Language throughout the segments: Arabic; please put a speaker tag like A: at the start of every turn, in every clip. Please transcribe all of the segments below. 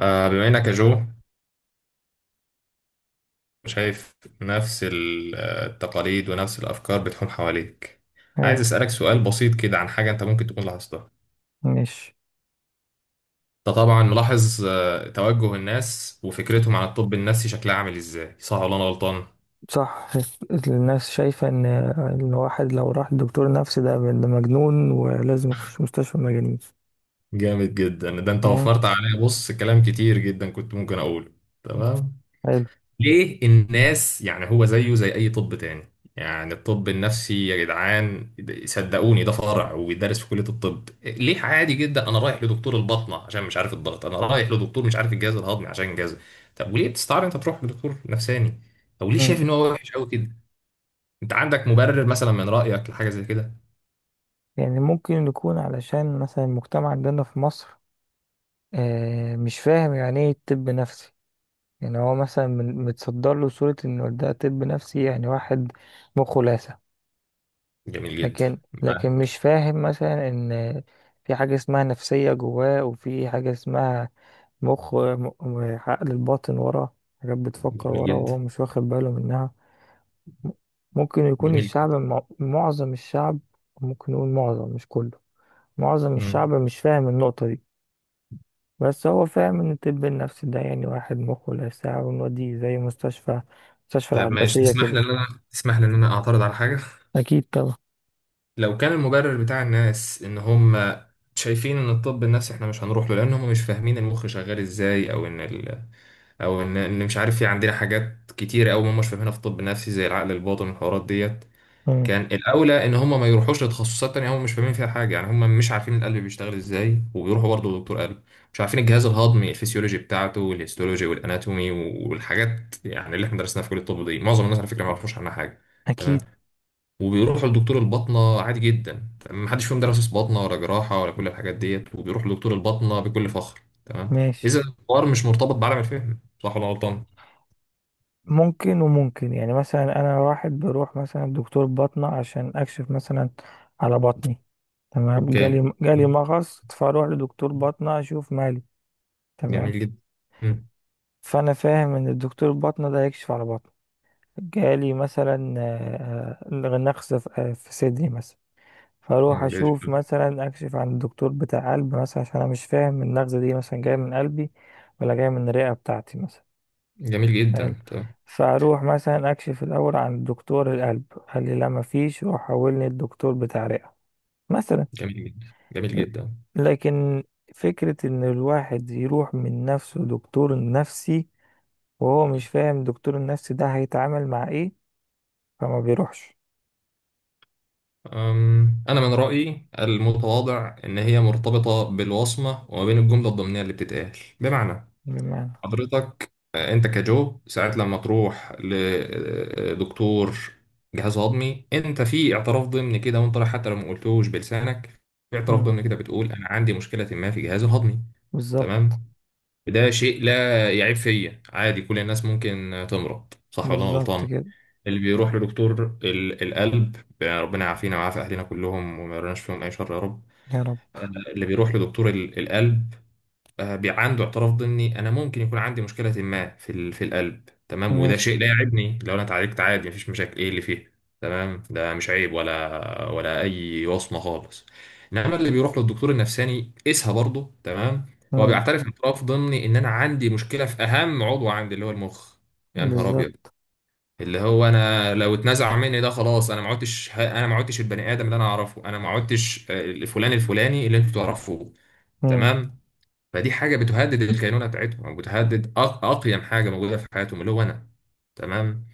A: بما انك يا جو شايف نفس التقاليد ونفس الافكار بتحوم حواليك. عايز
B: حلو.
A: اسالك سؤال بسيط كده عن حاجه انت ممكن تكون لاحظتها.
B: مش.
A: انت طبعا ملاحظ توجه الناس وفكرتهم عن الطب النفسي شكلها عامل ازاي؟ صح ولا انا غلطان؟
B: صح. الناس شايفة إن الواحد لو راح لدكتور نفسي ده مجنون ولازم يخش مستشفى مجانين.
A: جامد جدا، ده انت
B: مم.
A: وفرت عليا، بص كلام كتير جدا كنت ممكن اقوله. تمام.
B: حلو.
A: ليه الناس، يعني هو زيه زي اي طب تاني، يعني الطب النفسي يا جدعان، صدقوني ده فرع وبيدرس في كلية الطب. ليه؟ عادي جدا انا رايح لدكتور البطنة عشان مش عارف الضغط، انا رايح لدكتور مش عارف الجهاز الهضمي عشان جهاز. طب وليه بتستعار انت تروح لدكتور نفساني؟ او ليه شايف
B: مم.
A: ان هو وحش قوي كده؟ انت عندك مبرر مثلا من رايك لحاجة زي كده؟
B: يعني ممكن يكون علشان مثلا المجتمع عندنا في مصر، مش فاهم يعني ايه طب نفسي. يعني هو مثلا متصدر له صورة إنه ده طب نفسي، يعني واحد مخه لاسع.
A: جميل جدا.
B: لكن
A: آه،
B: لكن مش فاهم مثلا ان في حاجة اسمها نفسية جواه، وفي حاجة اسمها عقل الباطن، ورا حاجات بتفكر
A: جميل
B: ورا وهو
A: جدا.
B: مش واخد باله منها. م- ممكن يكون
A: جميل.
B: الشعب، معظم الشعب، ممكن نقول معظم مش كله، معظم
A: مم.
B: الشعب مش فاهم النقطة دي. بس هو فاهم ان الطب النفسي ده يعني واحد مخه لا ساعة، ونوديه زي مستشفى
A: طب ماشي،
B: العباسية
A: تسمح
B: كده.
A: لي ان انا تسمح لي ان انا اعترض على حاجة؟
B: أكيد طبعا.
A: لو كان المبرر بتاع الناس ان هم شايفين ان الطب النفسي احنا مش هنروح له لان هم مش فاهمين المخ شغال ازاي، او ان او ان مش عارف، في عندنا حاجات كتيره قوي هم مش فاهمينها في الطب النفسي زي العقل الباطن والحوارات ديت،
B: مم.
A: كان الاولى ان هم ما يروحوش لتخصصات تانية هم مش فاهمين فيها حاجه. يعني هم مش عارفين القلب بيشتغل ازاي وبيروحوا برضه لدكتور قلب، مش عارفين الجهاز الهضمي الفسيولوجي بتاعته والهيستولوجي والاناتومي والحاجات يعني اللي احنا درسناها في كليه الطب دي، معظم الناس على فكره ما يعرفوش عنها حاجه.
B: أكيد.
A: تمام. وبيروحوا لدكتور الباطنة عادي جدا، تمام، محدش فيهم دارس باطنة ولا جراحة ولا كل الحاجات ديت، وبيروحوا لدكتور الباطنة بكل فخر. تمام.
B: ماشي.
A: إذا الحوار مش مرتبط بعالم الفهم، صح ولا غلطان؟
B: ممكن وممكن، يعني مثلا انا واحد بروح مثلا دكتور بطنه عشان اكشف مثلا على بطني. تمام.
A: أوكي.
B: جالي مغص فاروح لدكتور بطنه اشوف مالي. تمام.
A: جميل جدا. مم.
B: فانا فاهم ان الدكتور بطنه ده هيكشف على بطني. جالي مثلا، نقص في في صدري مثلا، فاروح
A: مم.
B: اشوف مثلا اكشف عن الدكتور بتاع قلب مثلا، عشان انا مش فاهم النغزه دي مثلا جايه من قلبي ولا جايه من الرئه بتاعتي مثلا.
A: جميل
B: حلو.
A: جدا. تمام.
B: فاروح مثلا اكشف الاول عن دكتور القلب، قال لي لا مفيش، روح حولني الدكتور بتاع رئة مثلا.
A: جميل جدا. جميل
B: ل-
A: جدا.
B: لكن فكرة ان الواحد يروح من نفسه دكتور نفسي وهو مش فاهم دكتور النفسي ده هيتعامل مع ايه، فما بيروحش.
A: أنا من رأيي المتواضع إن هي مرتبطة بالوصمة وما بين الجملة الضمنية اللي بتتقال. بمعنى
B: بمعنى.
A: حضرتك انت كجو ساعات لما تروح لدكتور جهاز هضمي انت في اعتراف ضمني كده وانت رايح، حتى لو ما قلتوش بلسانك، في اعتراف
B: مم.
A: ضمني كده بتقول انا عندي مشكله ما في جهازي الهضمي.
B: بالظبط.
A: تمام. ده شيء لا يعيب فيا، عادي كل الناس ممكن تمرض، صح ولا انا
B: بالظبط
A: غلطان؟
B: كده.
A: اللي بيروح لدكتور القلب، ربنا يعافينا ويعافي اهلنا كلهم وما يرناش فيهم اي شر يا رب.
B: يا رب.
A: آه، اللي بيروح لدكتور القلب، عنده اعتراف ضمني انا ممكن يكون عندي مشكله ما في القلب، تمام، وده
B: ماشي.
A: شيء لا يعيبني لو انا اتعالجت، عادي مفيش مشاكل. ايه اللي فيه؟ تمام. ده مش عيب ولا اي وصمه خالص. انما اللي بيروح للدكتور النفساني قيسها برضه. تمام. هو
B: مم.
A: بيعترف اعتراف ضمني ان انا عندي مشكله في اهم عضو عندي اللي هو المخ. يا نهار ابيض.
B: بالظبط.
A: اللي هو انا لو اتنزع مني ده خلاص، ما عدتش، انا ما عدتش البني ادم اللي انا اعرفه، انا ما عدتش الفلان الفلاني اللي انتوا تعرفوه.
B: مم.
A: تمام. فدي حاجه بتهدد الكينونه بتاعتهم، او بتهدد اقيم حاجه موجوده في حياتهم اللي هو انا. تمام.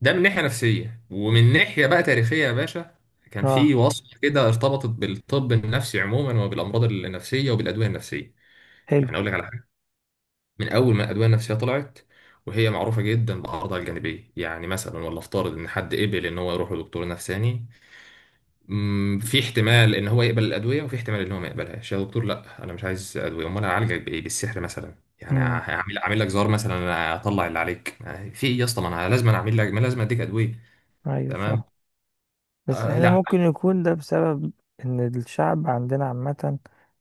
A: ده من ناحيه نفسيه، ومن ناحيه بقى تاريخيه يا باشا، كان
B: اه.
A: في وصف كده ارتبطت بالطب النفسي عموما وبالامراض النفسيه وبالادويه النفسيه.
B: حلو.
A: يعني اقول لك على حاجه، من اول ما الادويه النفسيه طلعت وهي معروفه جدا باعراضها الجانبيه، يعني مثلا ولا افترض ان حد قبل ان هو يروح لدكتور نفساني، في احتمال ان هو يقبل الادويه وفي احتمال ان هو ما يقبلهاش. يا دكتور لا انا مش عايز ادويه. امال هعالجك بايه، بالسحر مثلا؟ يعني
B: مم.
A: هعمل، اعمل لك زهار مثلا، انا اطلع اللي عليك؟ يعني في ايه يا اسطى، ما انا لازم، أنا اعمل لك ما لازم اديك ادويه.
B: ايوه فاهم.
A: تمام.
B: بس
A: آه
B: احنا
A: لا.
B: ممكن يكون ده بسبب ان الشعب عندنا عامة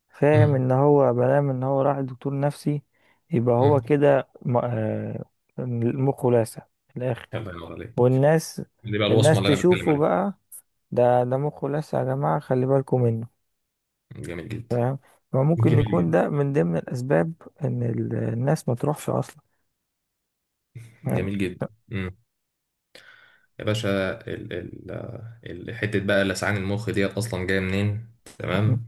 B: فاهم ان
A: امم.
B: هو بلام ان هو راح دكتور نفسي، يبقى هو
A: امم.
B: كده مخه لاسع في الاخر.
A: الله ينور عليك.
B: والناس
A: دي بقى الوصمه
B: الناس
A: اللي انا بتكلم
B: تشوفه
A: عليها.
B: بقى، ده مخه لاسع يا جماعة خلي بالكم منه.
A: جميل جدا.
B: فاهم. فممكن
A: جميل
B: يكون
A: جدا.
B: ده من ضمن الاسباب ان الناس ما تروحش اصلا. فاهم.
A: جميل جدا. امم. يا باشا، ال ال حته بقى لسعان المخ ديت اصلا جايه منين؟ تمام.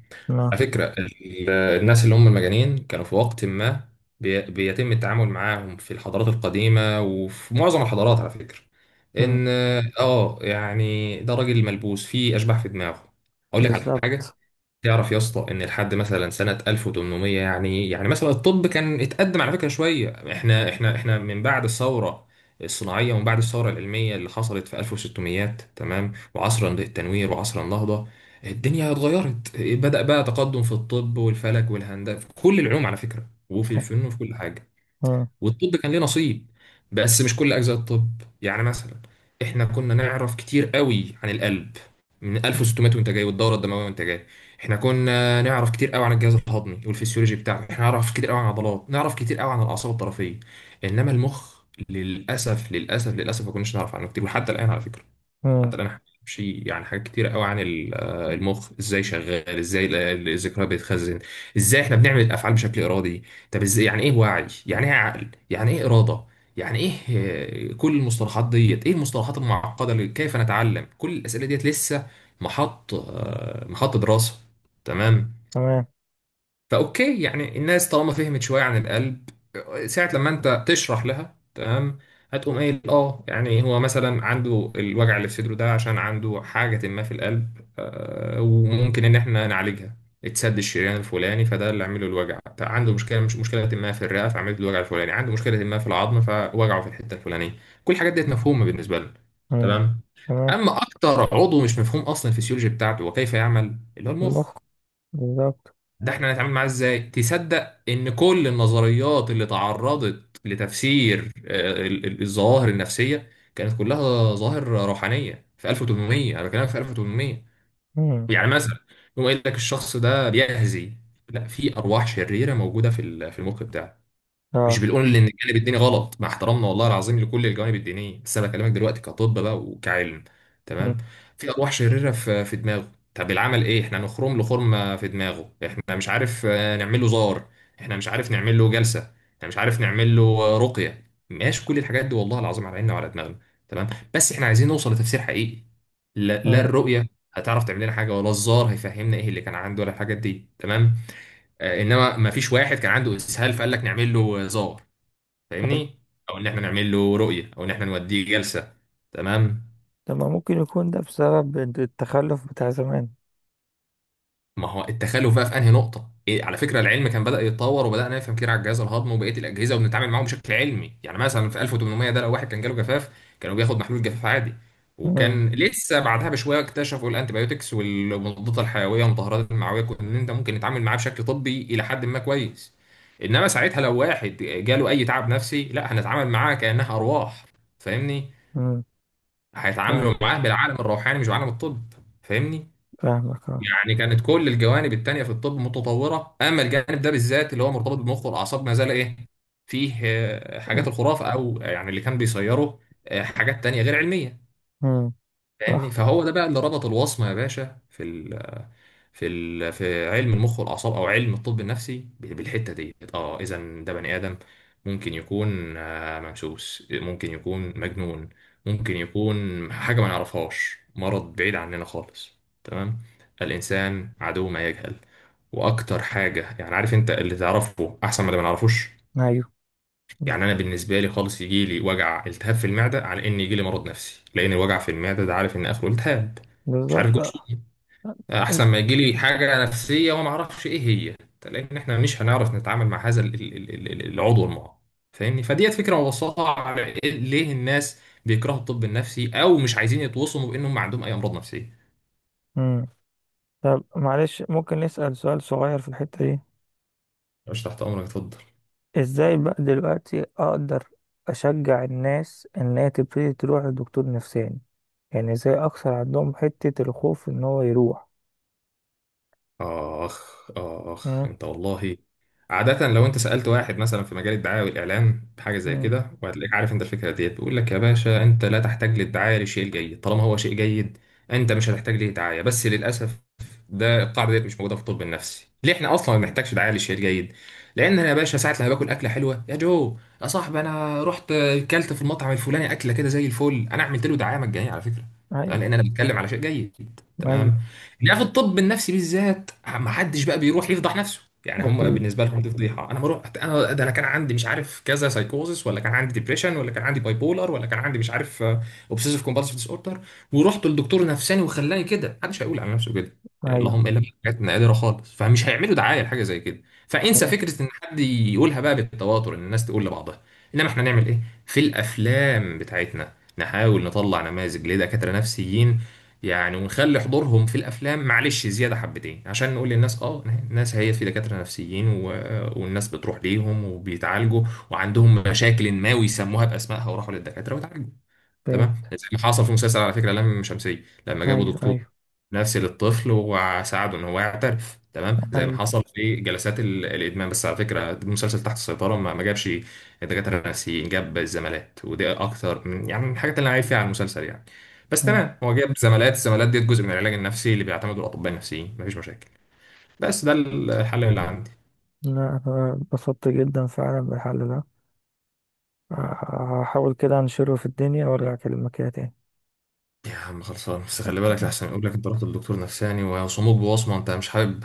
A: على
B: آه،
A: فكرة الناس اللي هم المجانين كانوا في وقت ما، بيتم التعامل معاهم في الحضارات القديمة وفي معظم الحضارات على فكرة
B: آه،
A: إن، آه يعني، ده راجل ملبوس فيه أشباح في دماغه. أقول لك على حاجة،
B: بالظبط.
A: تعرف يا اسطى ان لحد مثلا سنه 1800، يعني يعني مثلا الطب كان اتقدم على فكره شويه، احنا من بعد الثوره الصناعيه ومن بعد الثوره العلميه اللي حصلت في 1600، تمام، وعصر التنوير وعصر النهضه الدنيا اتغيرت، بدا بقى تقدم في الطب والفلك والهندسه في كل العلوم على فكره، وفي الفن وفي كل حاجه،
B: مم.
A: والطب كان ليه نصيب. بس مش كل اجزاء الطب، يعني مثلا احنا كنا نعرف كتير قوي عن القلب من 1600 وانت جاي، والدوره الدمويه وانت جاي. احنا كنا نعرف كتير قوي عن الجهاز الهضمي والفسيولوجي بتاعه، احنا نعرف كتير قوي عن العضلات، نعرف كتير قوي عن الاعصاب الطرفيه. انما المخ، للاسف للاسف للاسف ما كناش نعرف عنه كتير، وحتى الان على فكره،
B: مم.
A: حتى الان احنا بنمشي يعني. حاجات كتيرة قوي عن المخ ازاي شغال، ازاي الذكريات بتتخزن، ازاي احنا بنعمل الافعال بشكل ارادي، طب ازاي، يعني ايه وعي، يعني ايه عقل، يعني ايه اراده، يعني ايه، كل المصطلحات ديت، ايه المصطلحات المعقده اللي كيف نتعلم، كل الاسئله ديت لسه محط محط دراسه. تمام.
B: تمام.
A: فاوكي يعني، الناس طالما فهمت شويه عن القلب، ساعه لما انت تشرح لها تمام، هتقوم قايل اه، يعني هو مثلا عنده الوجع اللي في صدره ده عشان عنده حاجه ما في القلب، وممكن ان احنا نعالجها، اتسد الشريان الفلاني فده اللي عامله الوجع، طيب عنده مشكله، مش مشكله ما في الرئه فعملت الوجع الفلاني، عنده مشكله ما في العظم فوجعه في الحته الفلانيه، كل الحاجات ديت مفهومه بالنسبه لنا.
B: مم.
A: تمام.
B: تمام.
A: اما اكتر عضو مش مفهوم اصلا الفسيولوجي بتاعته وكيف يعمل اللي هو المخ،
B: المخ. بالظبط.
A: ده احنا هنتعامل معاه ازاي؟ تصدق ان كل النظريات اللي تعرضت لتفسير الظواهر النفسية كانت كلها ظواهر روحانية في 1800، انا بكلمك في 1800.
B: مم.
A: يعني مثلا يقوم قايل لك الشخص ده بيهزي، لا في ارواح شريرة موجودة في المخ بتاعه. مش
B: اه.
A: بنقول ان الجانب الديني غلط، مع احترامنا والله العظيم لكل الجوانب الدينيه، بس انا بكلمك دلوقتي كطب بقى وكعلم. تمام.
B: ماشي.
A: في ارواح شريره في دماغه، طب العمل ايه، احنا نخرم له خرمه في دماغه، احنا مش عارف، نعمل له زار، احنا مش عارف نعمل له جلسه، احنا مش عارف نعمل له رقيه. ماشي، كل الحاجات دي والله العظيم على عيننا وعلى دماغنا. تمام. بس احنا عايزين نوصل لتفسير حقيقي. لا,
B: مم.
A: الرؤيه هتعرف تعمل لنا حاجه؟ ولا الزار هيفهمنا ايه اللي كان عنده؟ ولا الحاجات دي؟ تمام. انما ما فيش واحد كان عنده اسهال فقال لك نعمل له زار، فاهمني؟ او ان احنا نعمل له رؤيه، او ان احنا نوديه جلسه. تمام.
B: طب ما ممكن يكون ده بسبب التخلف بتاع زمان.
A: ما هو التخلف بقى في انهي نقطه؟ إيه، على فكره العلم كان بدا يتطور وبدانا نفهم كتير على الجهاز الهضمي وبقيه الاجهزه وبنتعامل معاهم بشكل علمي، يعني مثلا في 1800 ده لو واحد كان جاله جفاف، كانوا بياخد محلول جفاف عادي،
B: مم.
A: وكان لسه بعدها بشويه اكتشفوا الانتيبيوتكس والمضادات الحيويه والمطهرات المعويه، ان انت ممكن نتعامل معاه بشكل طبي الى حد ما كويس. انما ساعتها لو واحد جاله اي تعب نفسي، لا هنتعامل معاه كانها ارواح، فاهمني؟
B: مم.
A: هيتعاملوا
B: فاهم.
A: معاه بالعالم الروحاني مش بالعالم الطب، فاهمني؟
B: فاهمك اه.
A: يعني كانت كل الجوانب التانية في الطب متطورة، أما الجانب ده بالذات اللي هو مرتبط بالمخ والأعصاب ما زال إيه، فيه حاجات الخرافة، أو يعني اللي كان بيصيره حاجات تانية غير علمية،
B: مم.
A: فاهمني؟
B: صح.
A: فهو ده بقى اللي ربط الوصمة يا باشا في في علم المخ والاعصاب او علم الطب النفسي بالحته ديت. اه، اذا ده بني ادم ممكن يكون ممسوس، ممكن يكون مجنون، ممكن يكون حاجه ما نعرفهاش، مرض بعيد عننا خالص. تمام. الانسان عدو ما يجهل، واكتر حاجه، يعني عارف انت، اللي تعرفه احسن من اللي ما نعرفوش.
B: ايوه. مم.
A: يعني انا بالنسبه لي خالص يجي لي وجع التهاب في المعده على ان يجي لي مرض نفسي، لان الوجع في المعده ده عارف ان اخره التهاب، مش عارف
B: بالظبط
A: جوه
B: آه. ال-
A: احسن ما يجي لي حاجه نفسيه وانا ما اعرفش ايه هي، لان احنا مش هنعرف نتعامل مع هذا العضو المعاق، فاهمني؟ فديت فكره مبسطه على ليه الناس بيكرهوا الطب النفسي او مش عايزين يتوصموا بانهم عندهم اي امراض نفسيه.
B: مم. طب معلش ممكن نسأل سؤال صغير في الحتة دي؟
A: مش تحت امرك، اتفضل.
B: ازاي بقى دلوقتي اقدر اشجع الناس ان هي تبتدي تروح لدكتور نفساني؟ يعني ازاي اكسر عندهم حتة الخوف ان هو يروح؟
A: اخ اخ
B: مم.
A: انت والله، عادة لو انت سألت واحد مثلا في مجال الدعاية والإعلان بحاجة زي
B: مم.
A: كده، وهتلاقيك عارف انت الفكرة ديت، بيقول لك يا باشا انت لا تحتاج للدعاية لشيء جيد طالما هو شيء جيد، انت مش هتحتاج ليه دعاية. بس للأسف ده القاعدة ديت مش موجودة في الطب النفسي. ليه؟ احنا أصلا ما بنحتاجش دعاية لشيء جيد، لأن أنا يا باشا ساعة لما باكل أكلة حلوة يا جو، يا صاحبي، أنا رحت كلت في المطعم الفلاني أكلة كده زي الفل، أنا عملت له دعاية مجانية على فكرة. تمام،
B: ايوه.
A: لأن أنا بتكلم على شيء جيد.
B: ايوه.
A: تمام. لا في الطب النفسي بالذات ما حدش بقى بيروح يفضح نفسه، يعني هم
B: اكيد.
A: بالنسبه لهم دي فضيحه. انا بروح، انا ده، انا كان عندي مش عارف كذا سايكوزس، ولا كان عندي ديبريشن، ولا كان عندي باي بولر، ولا كان عندي مش عارف اوبسيسيف كومبالسيف ديس اوردر، ورحت للدكتور نفساني وخلاني كده. محدش هيقول على نفسه كده،
B: ايوه.
A: اللهم الا حاجات نادره خالص، فمش هيعملوا دعايه لحاجه زي كده. فانسى فكره ان حد يقولها بقى بالتواتر، ان الناس تقول لبعضها. انما احنا نعمل ايه؟ في الافلام بتاعتنا نحاول نطلع نماذج لدكاتره نفسيين، يعني ونخلي حضورهم في الافلام معلش زياده حبتين، عشان نقول للناس اه الناس هي، في دكاتره نفسيين و... والناس بتروح ليهم وبيتعالجوا وعندهم مشاكل ما ويسموها باسمائها وراحوا للدكاتره وتعالجوا.
B: فهمت.
A: تمام، زي ما حصل في مسلسل على فكره لام شمسيه، لما جابوا
B: أيوه،
A: دكتور
B: أيوه،
A: نفسي للطفل وساعده ان هو يعترف. تمام، زي ما
B: أيوه.
A: حصل في جلسات الادمان. بس على فكره المسلسل تحت السيطره ما جابش دكاتره نفسيين، جاب الزمالات، ودي اكتر من يعني من الحاجات اللي انا عايب فيها على المسلسل. يعني، بس
B: مم.
A: تمام، هو جاب زمالات، الزمالات دي جزء من العلاج النفسي اللي بيعتمده الاطباء النفسيين، مفيش مشاكل، بس ده الحل اللي عندي.
B: لا، أنا اتبسطت جدا فعلا بالحل ده. هحاول كده أنشره في الدنيا وأرجع أكلمك كده تاني.
A: يا عم خلصان، بس خلي بالك
B: اتفقنا.
A: احسن يقول لك انت رحت للدكتور نفساني ويصوموك بوصمه انت مش حابب.